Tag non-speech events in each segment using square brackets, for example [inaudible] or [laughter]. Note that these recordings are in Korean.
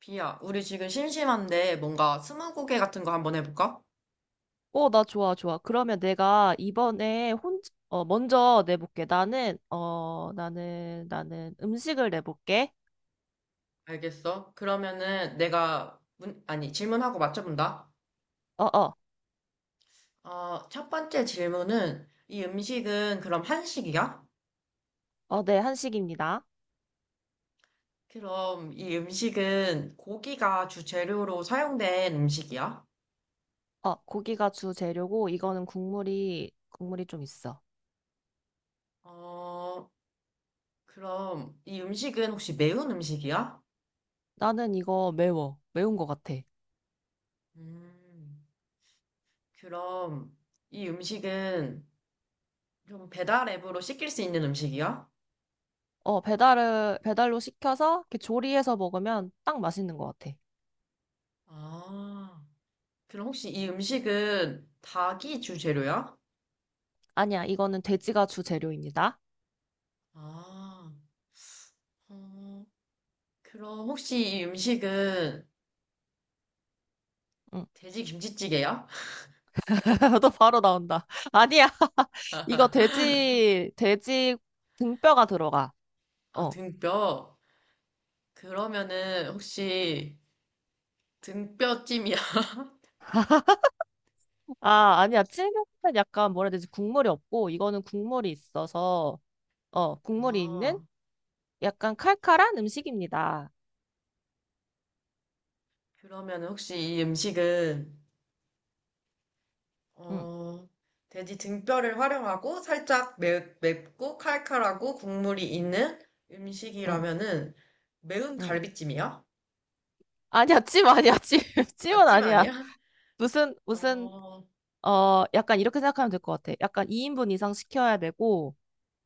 비야, 우리 지금 심심한데 뭔가 스무고개 같은 거 한번 해볼까? 나 좋아, 좋아. 그러면 내가 이번에 먼저 내볼게. 나는 음식을 내볼게. 알겠어. 그러면은 내가 문, 아니, 질문하고 맞춰본다. 어, 어, 첫 번째 질문은 이 음식은 그럼 한식이야? 네, 한식입니다. 그럼 이 음식은 고기가 주재료로 사용된 음식이야? 고기가 주재료고, 이거는 국물이 좀 있어. 어, 그럼 이 음식은 혹시 매운 음식이야? 나는 이거 매워. 매운 것 같아. 음, 그럼 이 음식은 좀 배달 앱으로 시킬 수 있는 음식이야? 배달로 시켜서 이렇게 조리해서 먹으면 딱 맛있는 것 같아. 아. 그럼 혹시 이 음식은 닭이 주재료야? 아니야, 이거는 돼지가 주재료입니다. 아, 어, 그럼 혹시 이 음식은 응. 돼지 김치찌개야? [laughs] 너 바로 나온다. [laughs] 아니야. [laughs] 이거 돼지 등뼈가 들어가. 아, 어. 등뼈. 그러면은 혹시 등뼈찜이야? [laughs] 아, 아니야. 찔면은 약간 뭐라 해야 되지? 국물이 없고, 이거는 국물이 있어서, 국물이 아, 있는 약간 칼칼한 음식입니다. 그러면은 혹시 이 음식은 응, 어, 돼지 등뼈를 활용하고 살짝 매, 맵고 칼칼하고 국물이 있는 응, 음식이라면은 매운 응. 갈비찜이야? 아니야, 찜 아니야, 찜. [laughs] 아, 찜은 찜 아니야? 아니야. [laughs] 무슨, 무슨, 어, 약간 이렇게 생각하면 될 것 같아. 약간 2인분 이상 시켜야 되고,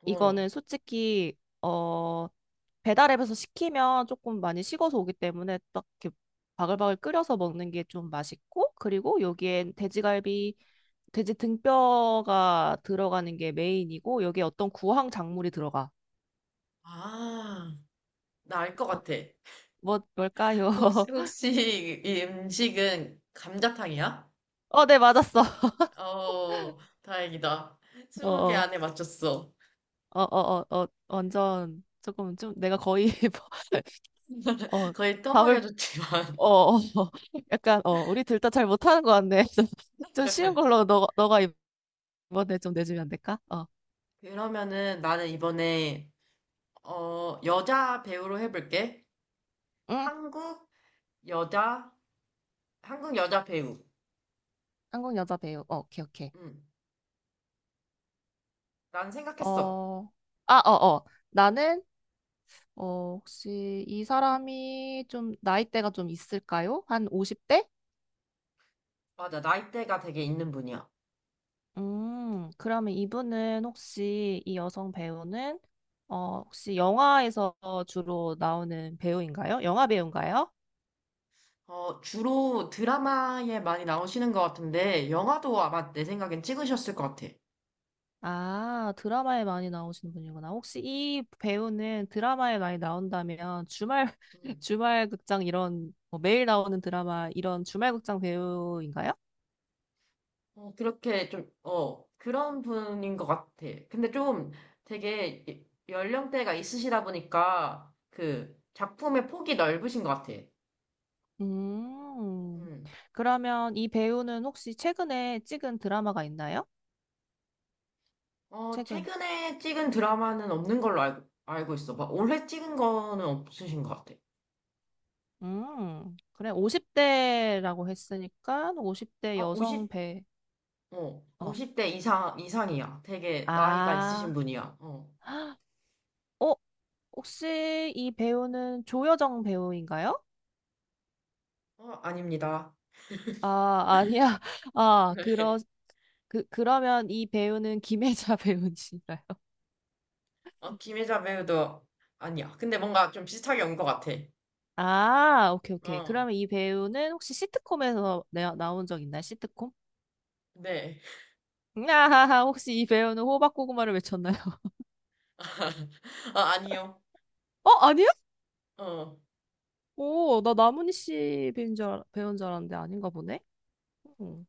어. 이거는 솔직히 배달앱에서 시키면 조금 많이 식어서 오기 때문에 딱 이렇게 바글바글 끓여서 먹는 게 좀 맛있고, 그리고 여기엔 돼지 등뼈가 들어가는 게 메인이고, 여기에 어떤 구황 작물이 들어가. 아, 나 알 것 어, 같아. 뭘까요? 혹시, [laughs] 혹시 이 음식은 감자탕이야? 네, 맞았어. 어, 다행이다. 어 스무 개 어 안에 맞췄어. 완전 조금 좀 내가 거의 [laughs] 어 거의 답을 떠먹여줬지만. 어, 어, [laughs] 약간, 우리 둘 다 잘 못하는 것 같네. [laughs] 좀 쉬운 [laughs] 걸로 너가 이번에 좀 내주면 안 될까? 그러면은 나는 이번에, 여자 배우로 해볼게. 응, 한국 여자, 한국 여자 배우. 한국 여자 배우. 오케이, 오케이. 응, 난 생각했어. 어, 아, 어, 어. 나는, 혹시 이 사람이 좀 나이대가 좀 있을까요? 한 50대? 맞아, 나이대가 되게 있는 분이야. 그러면 이분은 혹시 이 여성 배우는, 혹시 영화에서 주로 나오는 배우인가요? 영화 배우인가요? 주로 드라마에 많이 나오시는 것 같은데, 영화도 아마 내 생각엔 찍으셨을 것 같아. 아, 드라마에 많이 나오시는 분이구나. 혹시 이 배우는 드라마에 많이 나온다면 주말, [laughs] 음. 주말 극장 이런, 뭐 매일 나오는 드라마 이런 주말 극장 배우인가요? 어, 그렇게 좀, 어, 그런 분인 것 같아. 근데 좀 되게 연령대가 있으시다 보니까 그 작품의 폭이 넓으신 것 같아. 음, 음. 그러면 이 배우는 혹시 최근에 찍은 드라마가 있나요? 어, 최근. 최근에 찍은 드라마는 없는 걸로 알고, 알고 있어. 막 올해 찍은 거는 없으신 것 같아. 그래. 50대라고 했으니까 50대 아, 여성 50, 배, 어, 어, 오십 대 이상, 이상이야. 되게 나이가 있으신 아, 분이야. 어, [gasps] 헉, 어, 혹시 이 배우는 조여정 배우인가요? 어, 아닙니다. 아, 아니야. [laughs] 아, 그러, [laughs] 그, 그러면 이 배우는 김혜자 [laughs] 배우인가요? 어, 김혜자 배우도 아니야. 근데 뭔가 좀 비슷하게 온 것 같아. 아, 오케이, 오케이. 어, 그러면 이 배우는 혹시 시트콤에서 나온 적 있나요? 시트콤? 네. 아하하, 혹시 이 배우는 호박고구마를 외쳤나요? [laughs] [laughs] 아, 아니요. 아니야? 어. 오, 나 나문희 씨 배우인 줄, 배우인 줄 알았는데 아닌가 보네? 응.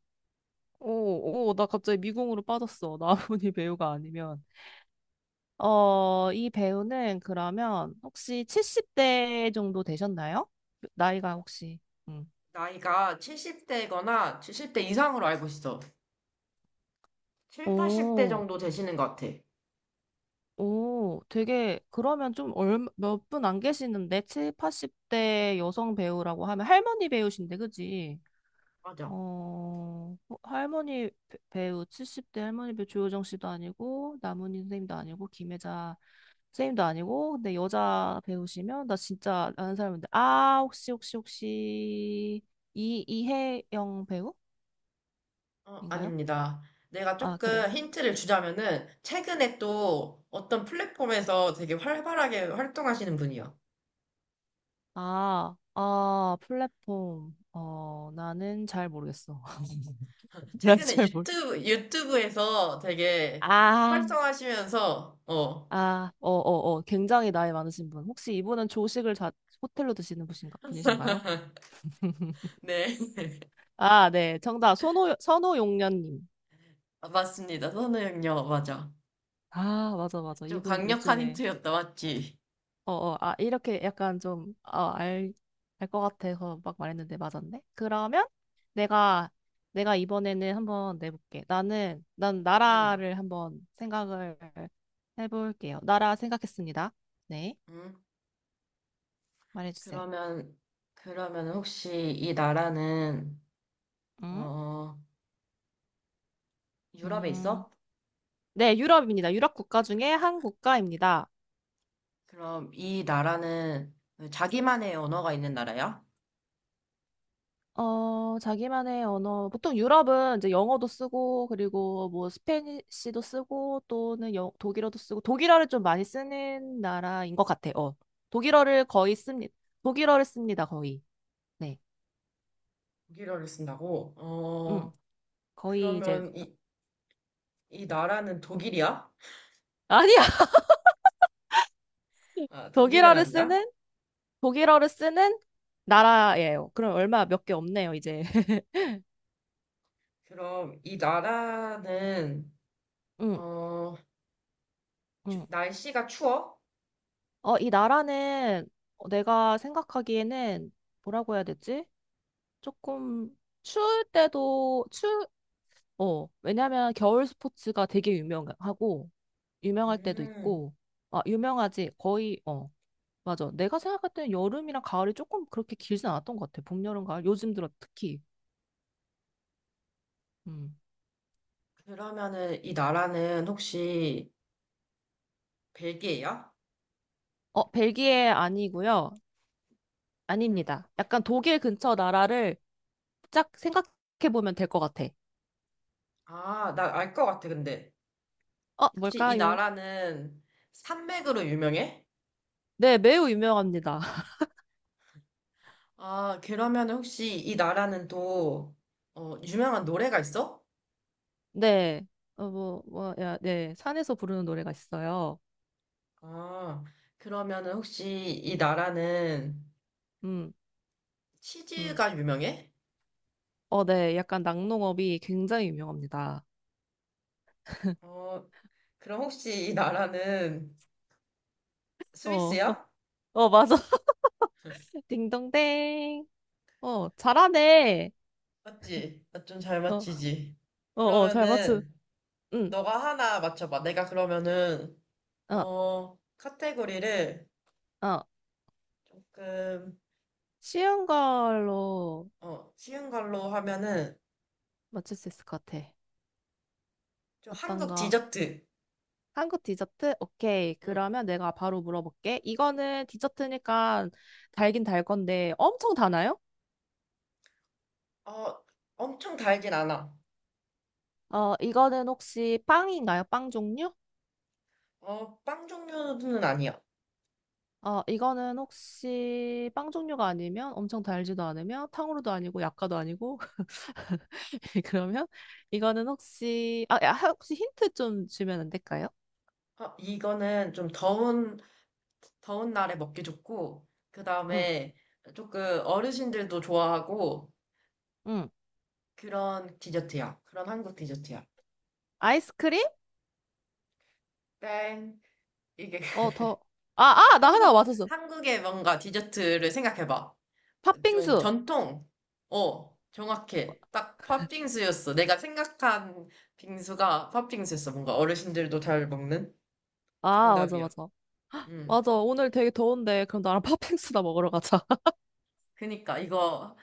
오, 오, 오, 나 갑자기 미궁으로 빠졌어. [laughs] 나문희 배우가 아니면. 이 배우는 그러면 혹시 70대 정도 되셨나요? 나이가 혹시. 나이가 70대거나 70대 이상으로 알고 있어. 7, 80대 오, 정도 되시는 것 같아. 오, 그러면 좀 몇 분 안 계시는데, 70, 80대 여성 배우라고 하면 할머니 배우신데, 그지? 맞아. 할머니 배우, 70대 할머니 배우 조효정 씨도 아니고, 남은희 선생님도 아니고, 김혜자 선생님도 아니고, 근데 여자 배우시면, 나 진짜 아는 사람인데, 아, 혹시, 이혜영 배우인가요? 어, 아닙니다. 내가 아, 그래. 조금 힌트를 주자면은, 최근에 또 어떤 플랫폼에서 되게 활발하게 활동하시는 분이요. 아, 아, 플랫폼. 나는 잘 모르겠어. [laughs] [laughs] 난 최근에 잘 모르. 유튜브, 유튜브에서 되게 아, 활성하시면서, 어, 네. 굉장히 나이 많으신 분. 혹시 이분은 조식을 호텔로 드시는 분이신가요? [laughs] [laughs] 아, 네. 정답. 선호용련님. 아, 맞습니다. 선우형요, 맞아. 아, 맞아, 맞아. 좀 이분 강력한 요즘에 힌트였다, 맞지? 이렇게 약간 좀, 알 것 같아서 막 말했는데 맞았네? 그러면 내가, 내가 이번에는 한번 내볼게. 난 음, 나라를 한번 생각을 해볼게요. 나라 생각했습니다. 네, 음. 말해주세요. 그러면, 그러면 혹시 이 나라는, 음, 어, 유럽에 음. 있어? 네, 유럽입니다. 유럽 국가 중에 한 국가입니다. 그럼 이 나라는 자기만의 언어가 있는 나라야? 자기만의 언어. 보통 유럽은 이제 영어도 쓰고, 그리고 뭐 스페니쉬도 쓰고, 또는 독일어도 쓰고, 독일어를 좀 많이 쓰는 나라인 것 같아. 어. 독일어를 거의 씁니다. 독일어를 씁니다, 거의. 네. 독일어를 쓴다고? 응. 어, 거의 이제, 그러면 이, 이 나라는 독일이야? 아니야! [laughs] 아, 독일은 독일어를 아니야? 쓰는, 독일어를 쓰는 나라예요. 그럼 얼마 몇 개 없네요, 이제. [laughs] 그럼 이 나라는, 응, 어, 응. 날씨가 추워? 이 나라는 내가 생각하기에는 뭐라고 해야 되지? 조금 추울 때도 왜냐면 겨울 스포츠가 되게 유명하고 유명할 때도 음, 있고. 아, 유명하지. 거의 어. 맞아. 내가 생각할 때는 여름이랑 가을이 조금 그렇게 길진 않았던 것 같아. 봄, 여름, 가을. 요즘 들어 특히. 음. 그러면은 이 나라는 혹시 벨기에야? 벨기에 아니고요. 음. 아닙니다. 약간 독일 근처 나라를 짝 생각해 보면 될 것 같아. 아, 나 알 것 같아, 근데. 혹시 이 뭘까요? 나라는 산맥으로 유명해? 네, 매우 유명합니다. [laughs] 아, 그러면 혹시 이 나라는 또, 어, 유명한 노래가 있어? 네. 네. 산에서 부르는 노래가 있어요. 아, 그러면 혹시 이 나라는 음, 음. 치즈가 유명해? 네. 약간 낙농업이 굉장히 유명합니다. 어, 그럼 혹시 이 나라는 어, [laughs] 스위스야? 맞아. [laughs] 딩동댕. 잘하네. 맞지? 나 좀 잘 어, 맞히지? 잘 맞춘. 그러면은, 응, 너가 하나 맞춰봐. 내가 그러면은, 어, 어, 카테고리를 어. 조금, 쉬운 걸로 어, 쉬운 걸로 하면은, 맞출 수 있을 것 같아. 좀 어떤 한국 거? 디저트. 한국 디저트? 오케이. 음. 그러면 내가 바로 물어볼게. 이거는 디저트니까 달긴 달 건데 엄청 다나요? 어, 엄청 달진 않아. 이거는 혹시 빵인가요? 빵 종류? 어, 빵 종류는 아니야. 이거는 혹시 빵 종류가 아니면 엄청 달지도 않으며 탕후루도 아니고 약과도 아니고 [laughs] 그러면 이거는 혹시 힌트 좀 주면 안 될까요? 어, 이거는 좀 더운, 더운 날에 먹기 좋고, 그 응, 다음에 조금 어르신들도 좋아하고, 응. 그런 디저트야. 그런 한국 디저트야. 아이스크림? 땡. 이게 [laughs] 더. 아, 아, 나 하나 한국, 맞았어. 한국의 뭔가 디저트를 생각해봐. 좀 팥빙수. 전통. 어, 정확해. 딱 팥빙수였어. 내가 생각한 빙수가 팥빙수였어. 뭔가 어르신들도 잘 먹는 아, 맞아, 정답이야. 맞아. 응. 맞아. 오늘 되게 더운데 그럼 나랑 [laughs] 팥빙수나 먹으러 가자. [laughs] 그니까 이거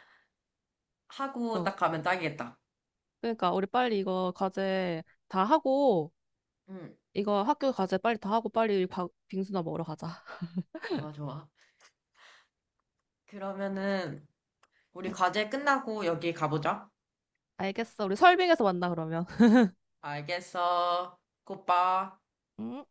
하고 어. 딱 가면 딱이겠다. 그러니까 우리 빨리 이거 과제 다 하고 응, 이거 학교 과제 빨리 다 하고 빨리 빙수나 먹으러 가자. 좋아, 좋아. 그러면은 우리 응, 과제 끝나고 여기 가보자. 알겠어. 우리 설빙에서 만나 그러면. 알겠어. 굿바. 음,